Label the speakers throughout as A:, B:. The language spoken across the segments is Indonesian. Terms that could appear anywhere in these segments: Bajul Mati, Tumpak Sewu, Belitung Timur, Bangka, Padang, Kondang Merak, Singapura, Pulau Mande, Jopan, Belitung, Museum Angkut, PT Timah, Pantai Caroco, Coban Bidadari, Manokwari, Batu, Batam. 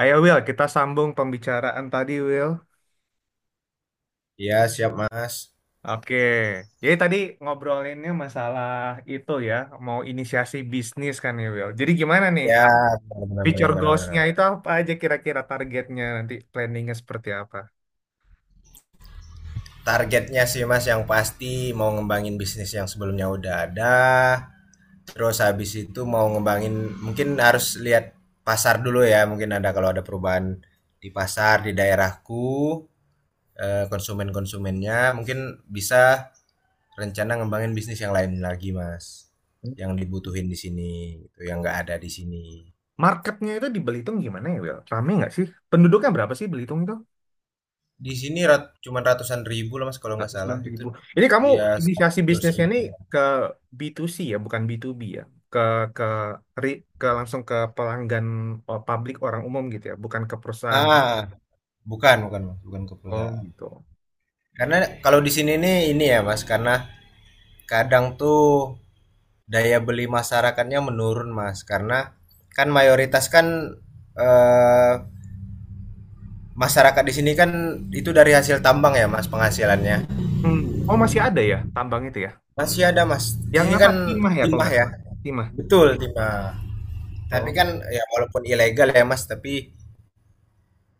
A: Ayo Will, kita sambung pembicaraan tadi Will.
B: Iya, siap Mas.
A: Oke, jadi tadi ngobrolinnya masalah itu ya, mau inisiasi bisnis kan ya Will. Jadi gimana nih,
B: Ya, benar benar
A: future
B: benar
A: goals-nya
B: benar.
A: itu apa aja kira-kira targetnya nanti planningnya seperti apa?
B: Targetnya sih Mas, yang pasti mau ngembangin bisnis yang sebelumnya udah ada, terus habis itu mau ngembangin, mungkin harus lihat pasar dulu ya, mungkin ada, kalau ada perubahan di pasar di daerahku, konsumen-konsumennya mungkin bisa rencana ngembangin bisnis yang lain lagi, Mas. Yang dibutuhin di sini, gitu, yang nggak ada di sini.
A: Marketnya itu di Belitung gimana ya Will? Rame nggak sih? Penduduknya berapa sih Belitung itu?
B: Di sini cuman ratusan ribu lah Mas kalau nggak
A: 160
B: salah, itu.
A: ribu. Ini kamu
B: Iya,
A: inisiasi
B: 100
A: bisnisnya
B: ribu.
A: nih ke B2C ya, bukan B2B ya. Ke ke ke langsung ke pelanggan, oh, publik orang umum gitu ya, bukan ke perusahaan.
B: Ah, Bukan, bukan, Mas, bukan ke
A: Oh
B: perusahaan.
A: gitu.
B: Karena kalau di sini nih ini ya, Mas, karena kadang tuh daya beli masyarakatnya menurun, Mas. Karena kan mayoritas kan, eh, masyarakat di sini kan itu dari hasil tambang ya, Mas, penghasilannya.
A: Hmm. Oh masih ada ya tambang itu ya.
B: Masih ada, Mas. Di
A: Yang
B: sini
A: apa
B: kan
A: timah ya kalau
B: timah
A: nggak
B: ya.
A: salah. Timah.
B: Betul, timah. Tapi kan,
A: Oh
B: ya walaupun ilegal ya, Mas, tapi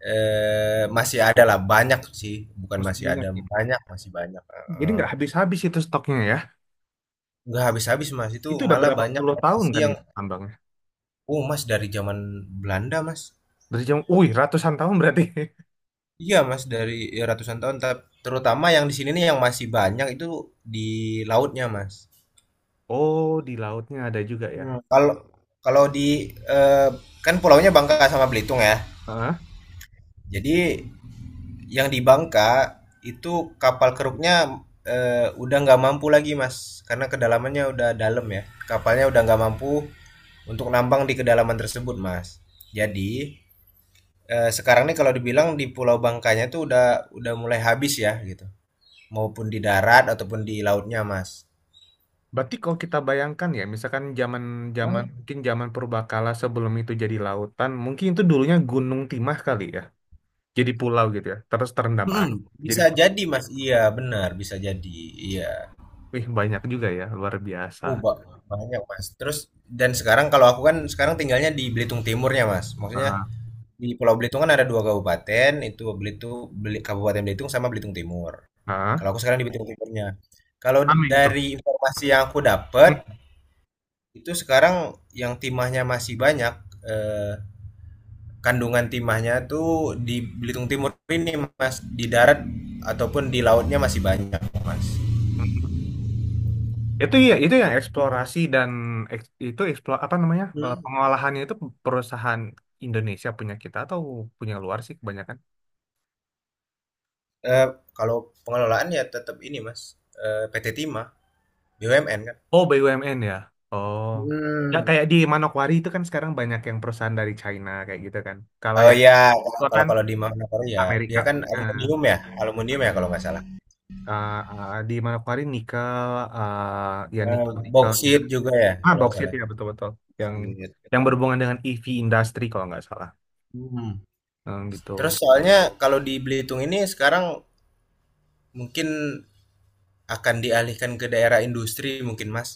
B: Masih ada lah, banyak sih, bukan
A: masih
B: masih
A: banyak
B: ada,
A: ya.
B: banyak, masih banyak,
A: Jadi
B: heeh.
A: nggak habis-habis itu stoknya ya.
B: Nggak habis-habis, Mas, itu
A: Itu udah
B: malah
A: berapa
B: banyak
A: puluh tahun
B: lokasi
A: kan
B: yang.
A: itu tambangnya.
B: Oh, Mas, dari zaman Belanda, Mas.
A: Wih ratusan tahun berarti.
B: Iya, Mas, dari ya ratusan tahun, terutama yang di sini nih yang masih banyak itu di lautnya, Mas.
A: Oh di lautnya ada juga
B: Kalau kalau di eee, kan pulaunya Bangka sama Belitung ya.
A: ya.
B: Jadi, yang di Bangka, itu kapal keruknya, udah nggak mampu lagi, Mas, karena kedalamannya udah dalam ya. Kapalnya udah nggak mampu untuk nambang di kedalaman tersebut, Mas. Jadi, sekarang nih kalau dibilang di Pulau Bangkanya tuh udah mulai habis ya gitu, maupun di darat ataupun di lautnya, Mas.
A: Berarti kalau kita bayangkan ya, misalkan zaman zaman
B: Oh.
A: mungkin zaman purbakala sebelum itu jadi lautan, mungkin itu dulunya Gunung Timah kali ya, jadi pulau gitu ya, terus terendam
B: Mhm,
A: air. Jadi,
B: bisa jadi, Mas. Iya, benar, bisa jadi, iya.
A: wih banyak juga ya, luar biasa.
B: Oh, banyak, Mas. Terus, dan sekarang kalau aku, kan sekarang tinggalnya di Belitung Timurnya, Mas. Maksudnya,
A: Ah,
B: di Pulau Belitung kan ada dua kabupaten, itu Belitung, Kabupaten Belitung sama Belitung Timur. Kalau
A: ah,
B: aku sekarang di Belitung Timurnya. Kalau
A: Amin itu.
B: dari informasi yang aku dapat, itu sekarang yang timahnya masih banyak, eh, kandungan timahnya tuh di Belitung Timur ini, Mas, di darat ataupun di lautnya masih banyak, Mas.
A: Hmm. Itu ya, itu yang eksplorasi dan itu eksplor apa namanya,
B: Hmm.
A: pengolahannya itu perusahaan Indonesia punya kita atau punya luar sih kebanyakan?
B: Eh, Kalau pengelolaan ya tetap ini, Mas, PT Timah, BUMN kan.
A: Oh, BUMN ya. Oh. Ya
B: Hmm.
A: kayak di Manokwari itu kan sekarang banyak yang perusahaan dari China kayak gitu kan. Kalau
B: Oh
A: yang
B: ya, kalau
A: itu
B: kalau
A: kan
B: kalau di Manokwari ya,
A: Amerika
B: dia kan
A: punya.
B: aluminium ya kalau nggak salah.
A: Di Manokwari nikel, ya
B: Eh,
A: nikel nikel gitu,
B: Boksit
A: kan.
B: juga ya
A: Ah,
B: kalau nggak
A: boksit
B: salah.
A: ya betul-betul yang
B: Boksit.
A: yang berhubungan dengan EV industry kalau nggak salah.
B: Hmm.
A: Hmm, gitu.
B: Terus soalnya kalau di Belitung ini sekarang mungkin akan dialihkan ke daerah industri mungkin, Mas.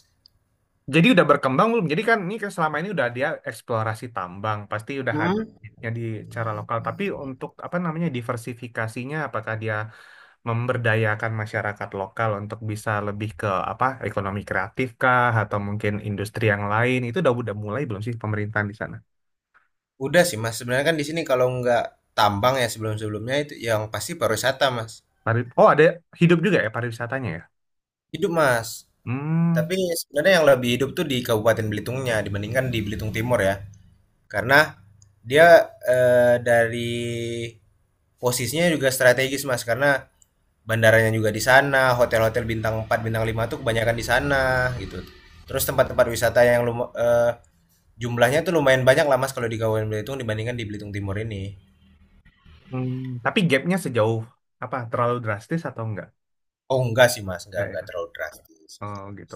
A: Jadi udah berkembang belum? Jadi kan ini kan selama ini udah dia eksplorasi tambang, pasti udah ada
B: Hmm.
A: ya di cara lokal. Tapi untuk apa namanya diversifikasinya, apakah dia memberdayakan masyarakat lokal untuk bisa lebih ke apa ekonomi kreatif kah atau mungkin industri yang lain itu udah mulai belum sih pemerintahan di sana?
B: Udah sih, Mas, sebenarnya kan di sini kalau nggak tambang ya sebelum-sebelumnya itu yang pasti pariwisata, Mas.
A: Oh, ada hidup juga ya pariwisatanya ya?
B: Hidup, Mas.
A: Hmm,
B: Tapi sebenarnya yang lebih hidup tuh di Kabupaten Belitungnya dibandingkan di Belitung Timur ya. Karena dia, dari posisinya juga strategis, Mas, karena bandaranya juga di sana, hotel-hotel bintang 4 bintang 5 tuh kebanyakan di sana gitu. Terus tempat-tempat wisata yang jumlahnya tuh lumayan banyak lah, Mas, kalau di Kabupaten Belitung dibandingkan di Belitung Timur ini.
A: hmm. Tapi gapnya sejauh apa, terlalu drastis atau enggak?
B: Oh enggak sih, Mas, enggak
A: Enggak ya?
B: enggak terlalu drastis.
A: Oh gitu.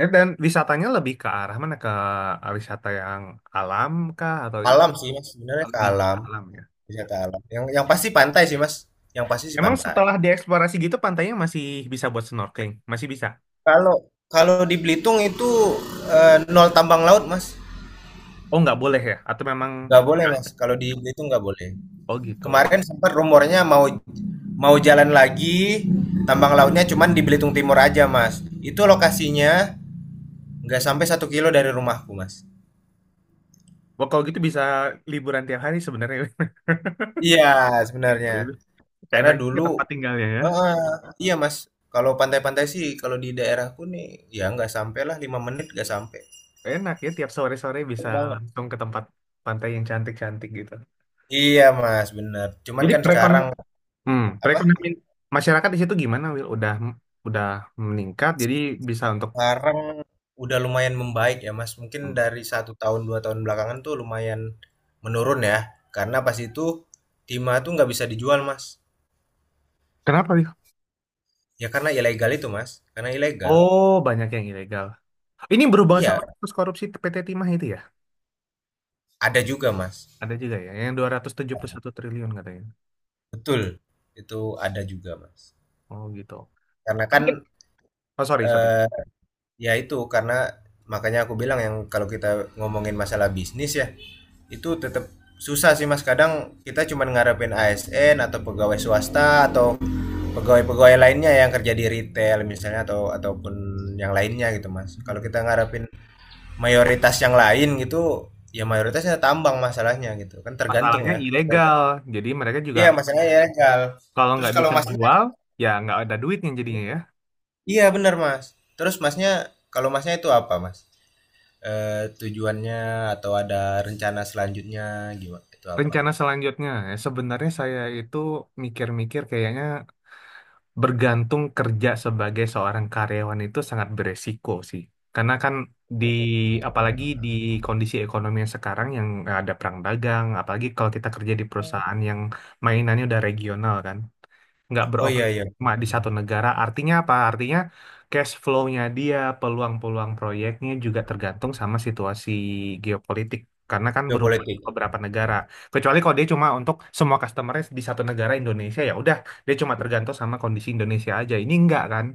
A: Dan wisatanya lebih ke arah mana, ke wisata yang alam kah atau
B: Alam sih, Mas, sebenarnya ke
A: lebih ke
B: alam,
A: alam ya?
B: wisata alam. Yang pasti pantai sih, Mas, yang pasti sih
A: Emang
B: pantai.
A: setelah dieksplorasi gitu pantainya masih bisa buat snorkeling? Masih bisa?
B: Kalau, di Belitung itu, nol tambang laut, Mas.
A: Oh nggak boleh ya? Atau memang.
B: Nggak boleh, Mas, kalau di itu nggak boleh.
A: Oh gitu.
B: Kemarin sempat rumornya mau, jalan lagi tambang lautnya cuman di Belitung Timur aja, Mas. Itu lokasinya nggak sampai 1 kilo dari rumahku, Mas.
A: Wah, kalau gitu bisa liburan tiap hari sebenarnya.
B: Iya, sebenarnya karena
A: Enak juga
B: dulu,
A: tempat tinggalnya ya.
B: eh, iya Mas, kalau pantai-pantai sih kalau di daerahku nih ya nggak sampai lah 5 menit, nggak sampai.
A: Enak ya, tiap sore-sore bisa
B: Cepet banget.
A: langsung ke tempat pantai yang cantik-cantik gitu.
B: Iya Mas bener. Cuman
A: Jadi
B: kan sekarang
A: perekonomian, hmm,
B: apa.
A: perekonomian masyarakat di situ gimana, Will? Udah meningkat, jadi bisa untuk
B: Sekarang udah lumayan membaik ya, Mas, mungkin
A: hmm.
B: dari 1 tahun 2 tahun belakangan tuh lumayan menurun ya, karena pas itu timah tuh nggak bisa dijual, Mas,
A: Kenapa, Will?
B: ya karena ilegal itu, Mas, karena ilegal.
A: Oh, banyak yang ilegal. Ini berhubungan sama
B: Iya,
A: kasus korupsi PT Timah itu ya?
B: ada juga Mas.
A: Ada juga ya, yang 271 triliun katanya.
B: Betul, itu ada juga, Mas.
A: Oh gitu.
B: Karena
A: Tapi
B: kan,
A: kan- Oh, sorry, sorry.
B: eee, ya itu, karena makanya aku bilang, yang kalau kita ngomongin masalah bisnis ya, itu tetap susah sih, Mas, kadang kita cuman ngarepin ASN atau pegawai swasta atau pegawai-pegawai lainnya yang kerja di retail misalnya, ataupun yang lainnya gitu mas, kalau
A: Hmm.
B: kita ngarepin mayoritas yang lain gitu, ya mayoritasnya tambang masalahnya, gitu kan. Tergantung
A: Masalahnya
B: ya, tergantung.
A: ilegal, jadi mereka juga.
B: Iya masalahnya ya, Cal.
A: Kalau
B: Terus
A: nggak
B: kalau
A: bisa
B: masnya.
A: jual, ya nggak ada duitnya jadinya ya.
B: Iya, benar, mas. Terus masnya, kalau masnya itu apa, mas, eh, tujuannya, atau ada rencana selanjutnya gimana, itu apa,
A: Rencana
B: mas?
A: selanjutnya, ya sebenarnya saya itu mikir-mikir kayaknya bergantung kerja sebagai seorang karyawan itu sangat beresiko sih. Karena kan di apalagi di kondisi ekonomi yang sekarang, yang ada perang dagang, apalagi kalau kita kerja di perusahaan yang mainannya udah regional kan. Nggak
B: Oh iya,
A: beroperasi
B: iya,
A: cuma di satu
B: benar-benar.
A: negara. Artinya apa? Artinya cash flow-nya dia, peluang-peluang proyeknya juga tergantung sama situasi geopolitik. Karena kan berhubungan ke
B: Geopolitik.
A: beberapa negara. Kecuali kalau dia cuma untuk semua customer-nya di satu negara Indonesia, ya udah dia cuma tergantung sama kondisi Indonesia aja. Ini enggak kan?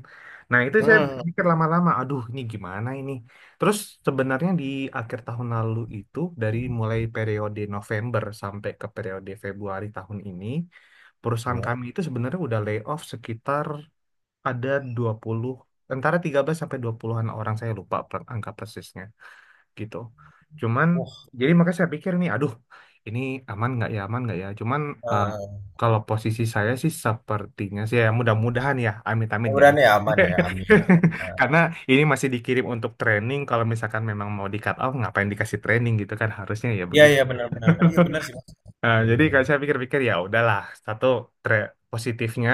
A: Nah, itu saya
B: Hmm.
A: pikir lama-lama, aduh ini gimana ini? Terus sebenarnya di akhir tahun lalu itu dari mulai periode November sampai ke periode Februari tahun ini, perusahaan
B: Ya.
A: kami itu sebenarnya udah layoff sekitar ada 20 antara 13 sampai 20-an orang, saya lupa angka persisnya gitu. Cuman,
B: Wah.
A: jadi makanya saya pikir nih, aduh, ini aman nggak ya, aman nggak ya. Cuman, eh,
B: eh,
A: kalau posisi saya sih sepertinya sih, ya mudah-mudahan ya, amit-amit jangan.
B: Mudah-mudahan ya, aman ya, amin ya.
A: Karena ini masih dikirim untuk training, kalau misalkan memang mau di cut off, ngapain dikasih training gitu kan, harusnya ya
B: Iya
A: begitu.
B: iya, benar benar. Iya benar sih, Mas.
A: Nah,
B: Benar
A: jadi
B: benar
A: kalau
B: benar.
A: saya pikir-pikir ya udahlah. Satu, positifnya,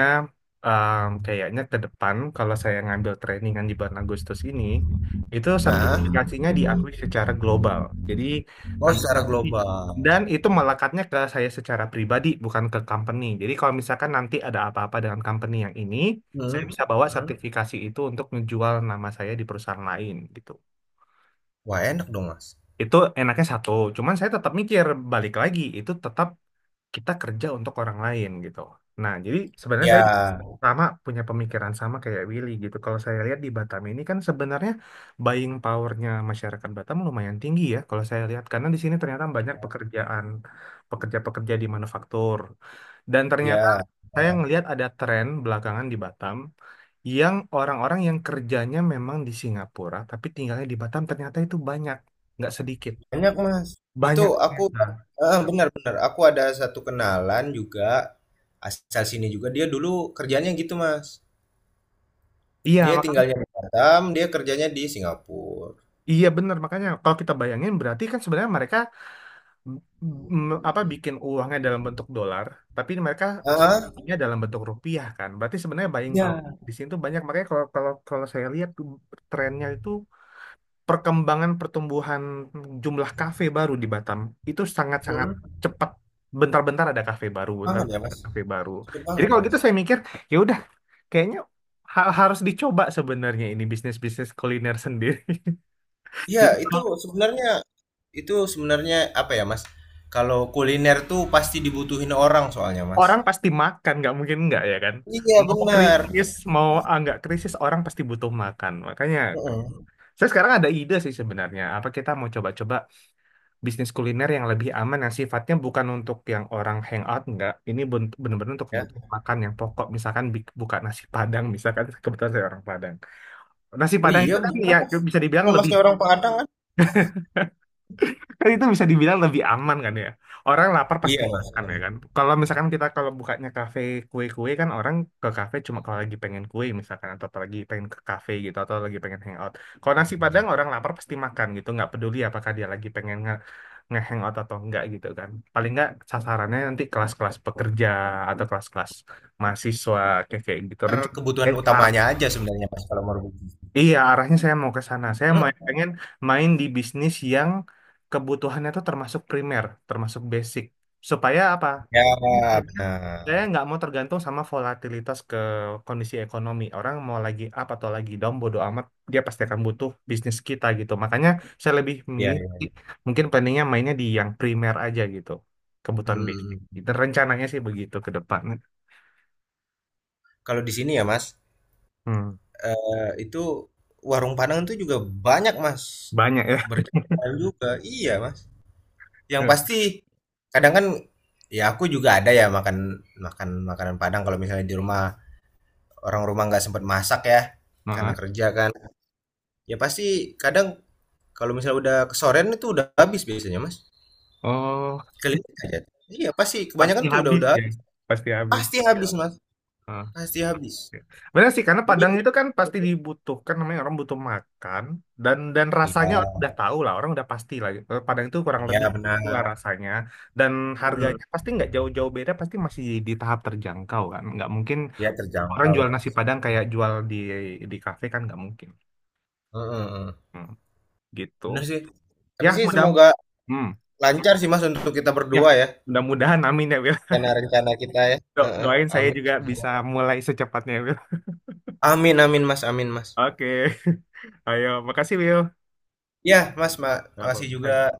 A: kayaknya ke depan kalau saya ngambil trainingan di bulan Agustus ini, itu
B: Nah,
A: sertifikasinya diakui secara global. Jadi
B: oh,
A: nanti
B: secara
A: sertifi-
B: global.
A: dan itu melekatnya ke saya secara pribadi bukan ke company. Jadi kalau misalkan nanti ada apa-apa dengan company yang ini, saya
B: Hmm.
A: bisa bawa
B: Hmm.
A: sertifikasi itu untuk ngejual nama saya di perusahaan lain gitu.
B: Wah, enak dong mas.
A: Itu enaknya satu, cuman saya tetap mikir balik lagi itu tetap kita kerja untuk orang lain gitu. Nah, jadi sebenarnya saya
B: Ya,
A: sama punya pemikiran sama kayak Willy gitu. Kalau saya lihat di Batam ini kan sebenarnya buying powernya masyarakat Batam lumayan tinggi ya. Kalau saya lihat karena di sini ternyata banyak pekerja-pekerja di manufaktur, dan ternyata
B: ya.
A: saya ngelihat ada tren belakangan di Batam, yang orang-orang yang kerjanya memang di Singapura tapi tinggalnya di Batam, ternyata itu banyak, nggak sedikit.
B: Banyak, Mas.
A: Banyak
B: Itu aku,
A: ternyata.
B: benar benar. Aku ada satu kenalan juga asal sini juga. Dia dulu kerjanya gitu, mas.
A: Iya,
B: Dia
A: mak
B: tinggalnya di Batam. Dia kerjanya di Singapura.
A: Iya benar, makanya kalau kita bayangin berarti kan sebenarnya mereka, apa, bikin uangnya dalam bentuk dolar tapi mereka
B: Ah.
A: spendingnya dalam bentuk rupiah, kan berarti sebenarnya buying power
B: Ya.
A: di sini tuh banyak, makanya kalau kalau kalau saya lihat tuh trennya itu, perkembangan pertumbuhan jumlah kafe baru di Batam itu sangat-sangat
B: Hmm.
A: cepat, bentar-bentar ada kafe baru, bentar
B: Banget ya,
A: ada
B: Mas.
A: kafe baru.
B: Cepet
A: Jadi
B: banget ya,
A: kalau
B: Mas.
A: gitu saya mikir ya udah, kayaknya harus dicoba sebenarnya ini bisnis-bisnis kuliner sendiri.
B: Iya,
A: Jadi
B: itu sebenarnya, itu sebenarnya apa ya, Mas? Kalau kuliner tuh pasti dibutuhin orang soalnya, Mas.
A: orang pasti makan nggak mungkin nggak ya kan,
B: Iya,
A: mau
B: benar.
A: krisis mau nggak krisis, orang pasti butuh makan, makanya
B: Heeh.
A: saya sekarang ada ide sih sebenarnya apa kita mau coba-coba bisnis kuliner yang lebih aman, yang sifatnya bukan untuk yang orang hangout, nggak, ini bener-bener untuk
B: Ya.
A: kebutuhan makan yang pokok, misalkan buka nasi Padang misalkan. Kebetulan saya orang Padang, nasi
B: Oh
A: Padang
B: iya,
A: itu kan
B: benar,
A: ya
B: Mas.
A: bisa dibilang
B: Bukan
A: lebih.
B: Masnya orang Padang kan?
A: Kan itu bisa dibilang lebih aman kan ya. Orang lapar pasti
B: Iya,
A: makan
B: Mas.
A: ya kan. Kalau misalkan kita kalau bukanya kafe kue-kue, kan orang ke kafe cuma kalau lagi pengen kue misalkan, atau lagi pengen ke kafe gitu, atau lagi pengen hangout. Kalau nasi Padang orang lapar pasti makan gitu, nggak peduli apakah dia lagi pengen nge-hangout atau enggak gitu kan. Paling nggak sasarannya nanti kelas-kelas pekerja atau kelas-kelas mahasiswa kayak kayak gitu.
B: Kebutuhan
A: Rencana
B: utamanya aja sebenarnya, Mas, kalau mau rebus.
A: Iya, arahnya saya mau ke sana. Saya mau
B: Heeh.
A: pengen main di bisnis yang kebutuhannya itu termasuk primer, termasuk basic. Supaya apa?
B: Ya,
A: Karena saya
B: benar.
A: nggak mau tergantung sama volatilitas ke kondisi ekonomi. Orang mau lagi up atau lagi down, bodo amat, dia pasti akan butuh bisnis kita gitu. Makanya saya lebih
B: Iya,
A: milih
B: iya.
A: mungkin planningnya mainnya di yang primer aja gitu, kebutuhan basic.
B: Hmm.
A: Itu rencananya sih begitu ke depan.
B: Kalau di sini ya, Mas,
A: Hmm,
B: itu warung Padang itu juga banyak, Mas.
A: banyak ya.
B: Berjualan juga. Iya, Mas. Yang pasti kadang kan, ya aku juga ada ya makan, makanan Padang kalau misalnya di rumah orang rumah nggak sempat masak ya karena
A: Maaf.
B: kerja kan. Ya pasti kadang kalau misalnya udah kesorean itu udah habis biasanya, Mas.
A: Oh.
B: Keliling aja. Iya, pasti
A: Pasti
B: kebanyakan tuh udah
A: habis
B: udah
A: ya,
B: habis.
A: pasti habis.
B: Pasti habis, Mas,
A: Ah,
B: pasti habis.
A: oke. Benar sih, karena
B: Jadi.
A: Padang itu kan pasti dibutuhkan, namanya orang butuh makan, dan rasanya orang
B: Iya
A: udah tahu lah, orang udah pasti lah. Padang itu kurang
B: iya,
A: lebih lah
B: benar.
A: rasanya, dan
B: Mm.
A: harganya pasti nggak jauh-jauh beda, pasti masih di tahap terjangkau kan, nggak mungkin
B: Iya,
A: orang
B: terjangkau
A: jual
B: loh.
A: nasi Padang kayak jual di kafe kan, nggak mungkin.
B: Mm, mm, mm.
A: Hmm, gitu,
B: Bener sih.
A: ya
B: Tapi sih semoga
A: hmm,
B: lancar sih Mas untuk kita
A: ya
B: berdua ya.
A: mudah-mudahan amin ya Wil.
B: Rencana-rencana kita ya. Heeh.
A: Doain saya
B: Amin.
A: juga bisa mulai secepatnya Wil.
B: Amin amin Mas, amin Mas.
A: Oke, ayo, makasih Will.
B: Ya, Mas,
A: Nggak
B: makasih juga.
A: apa-apa.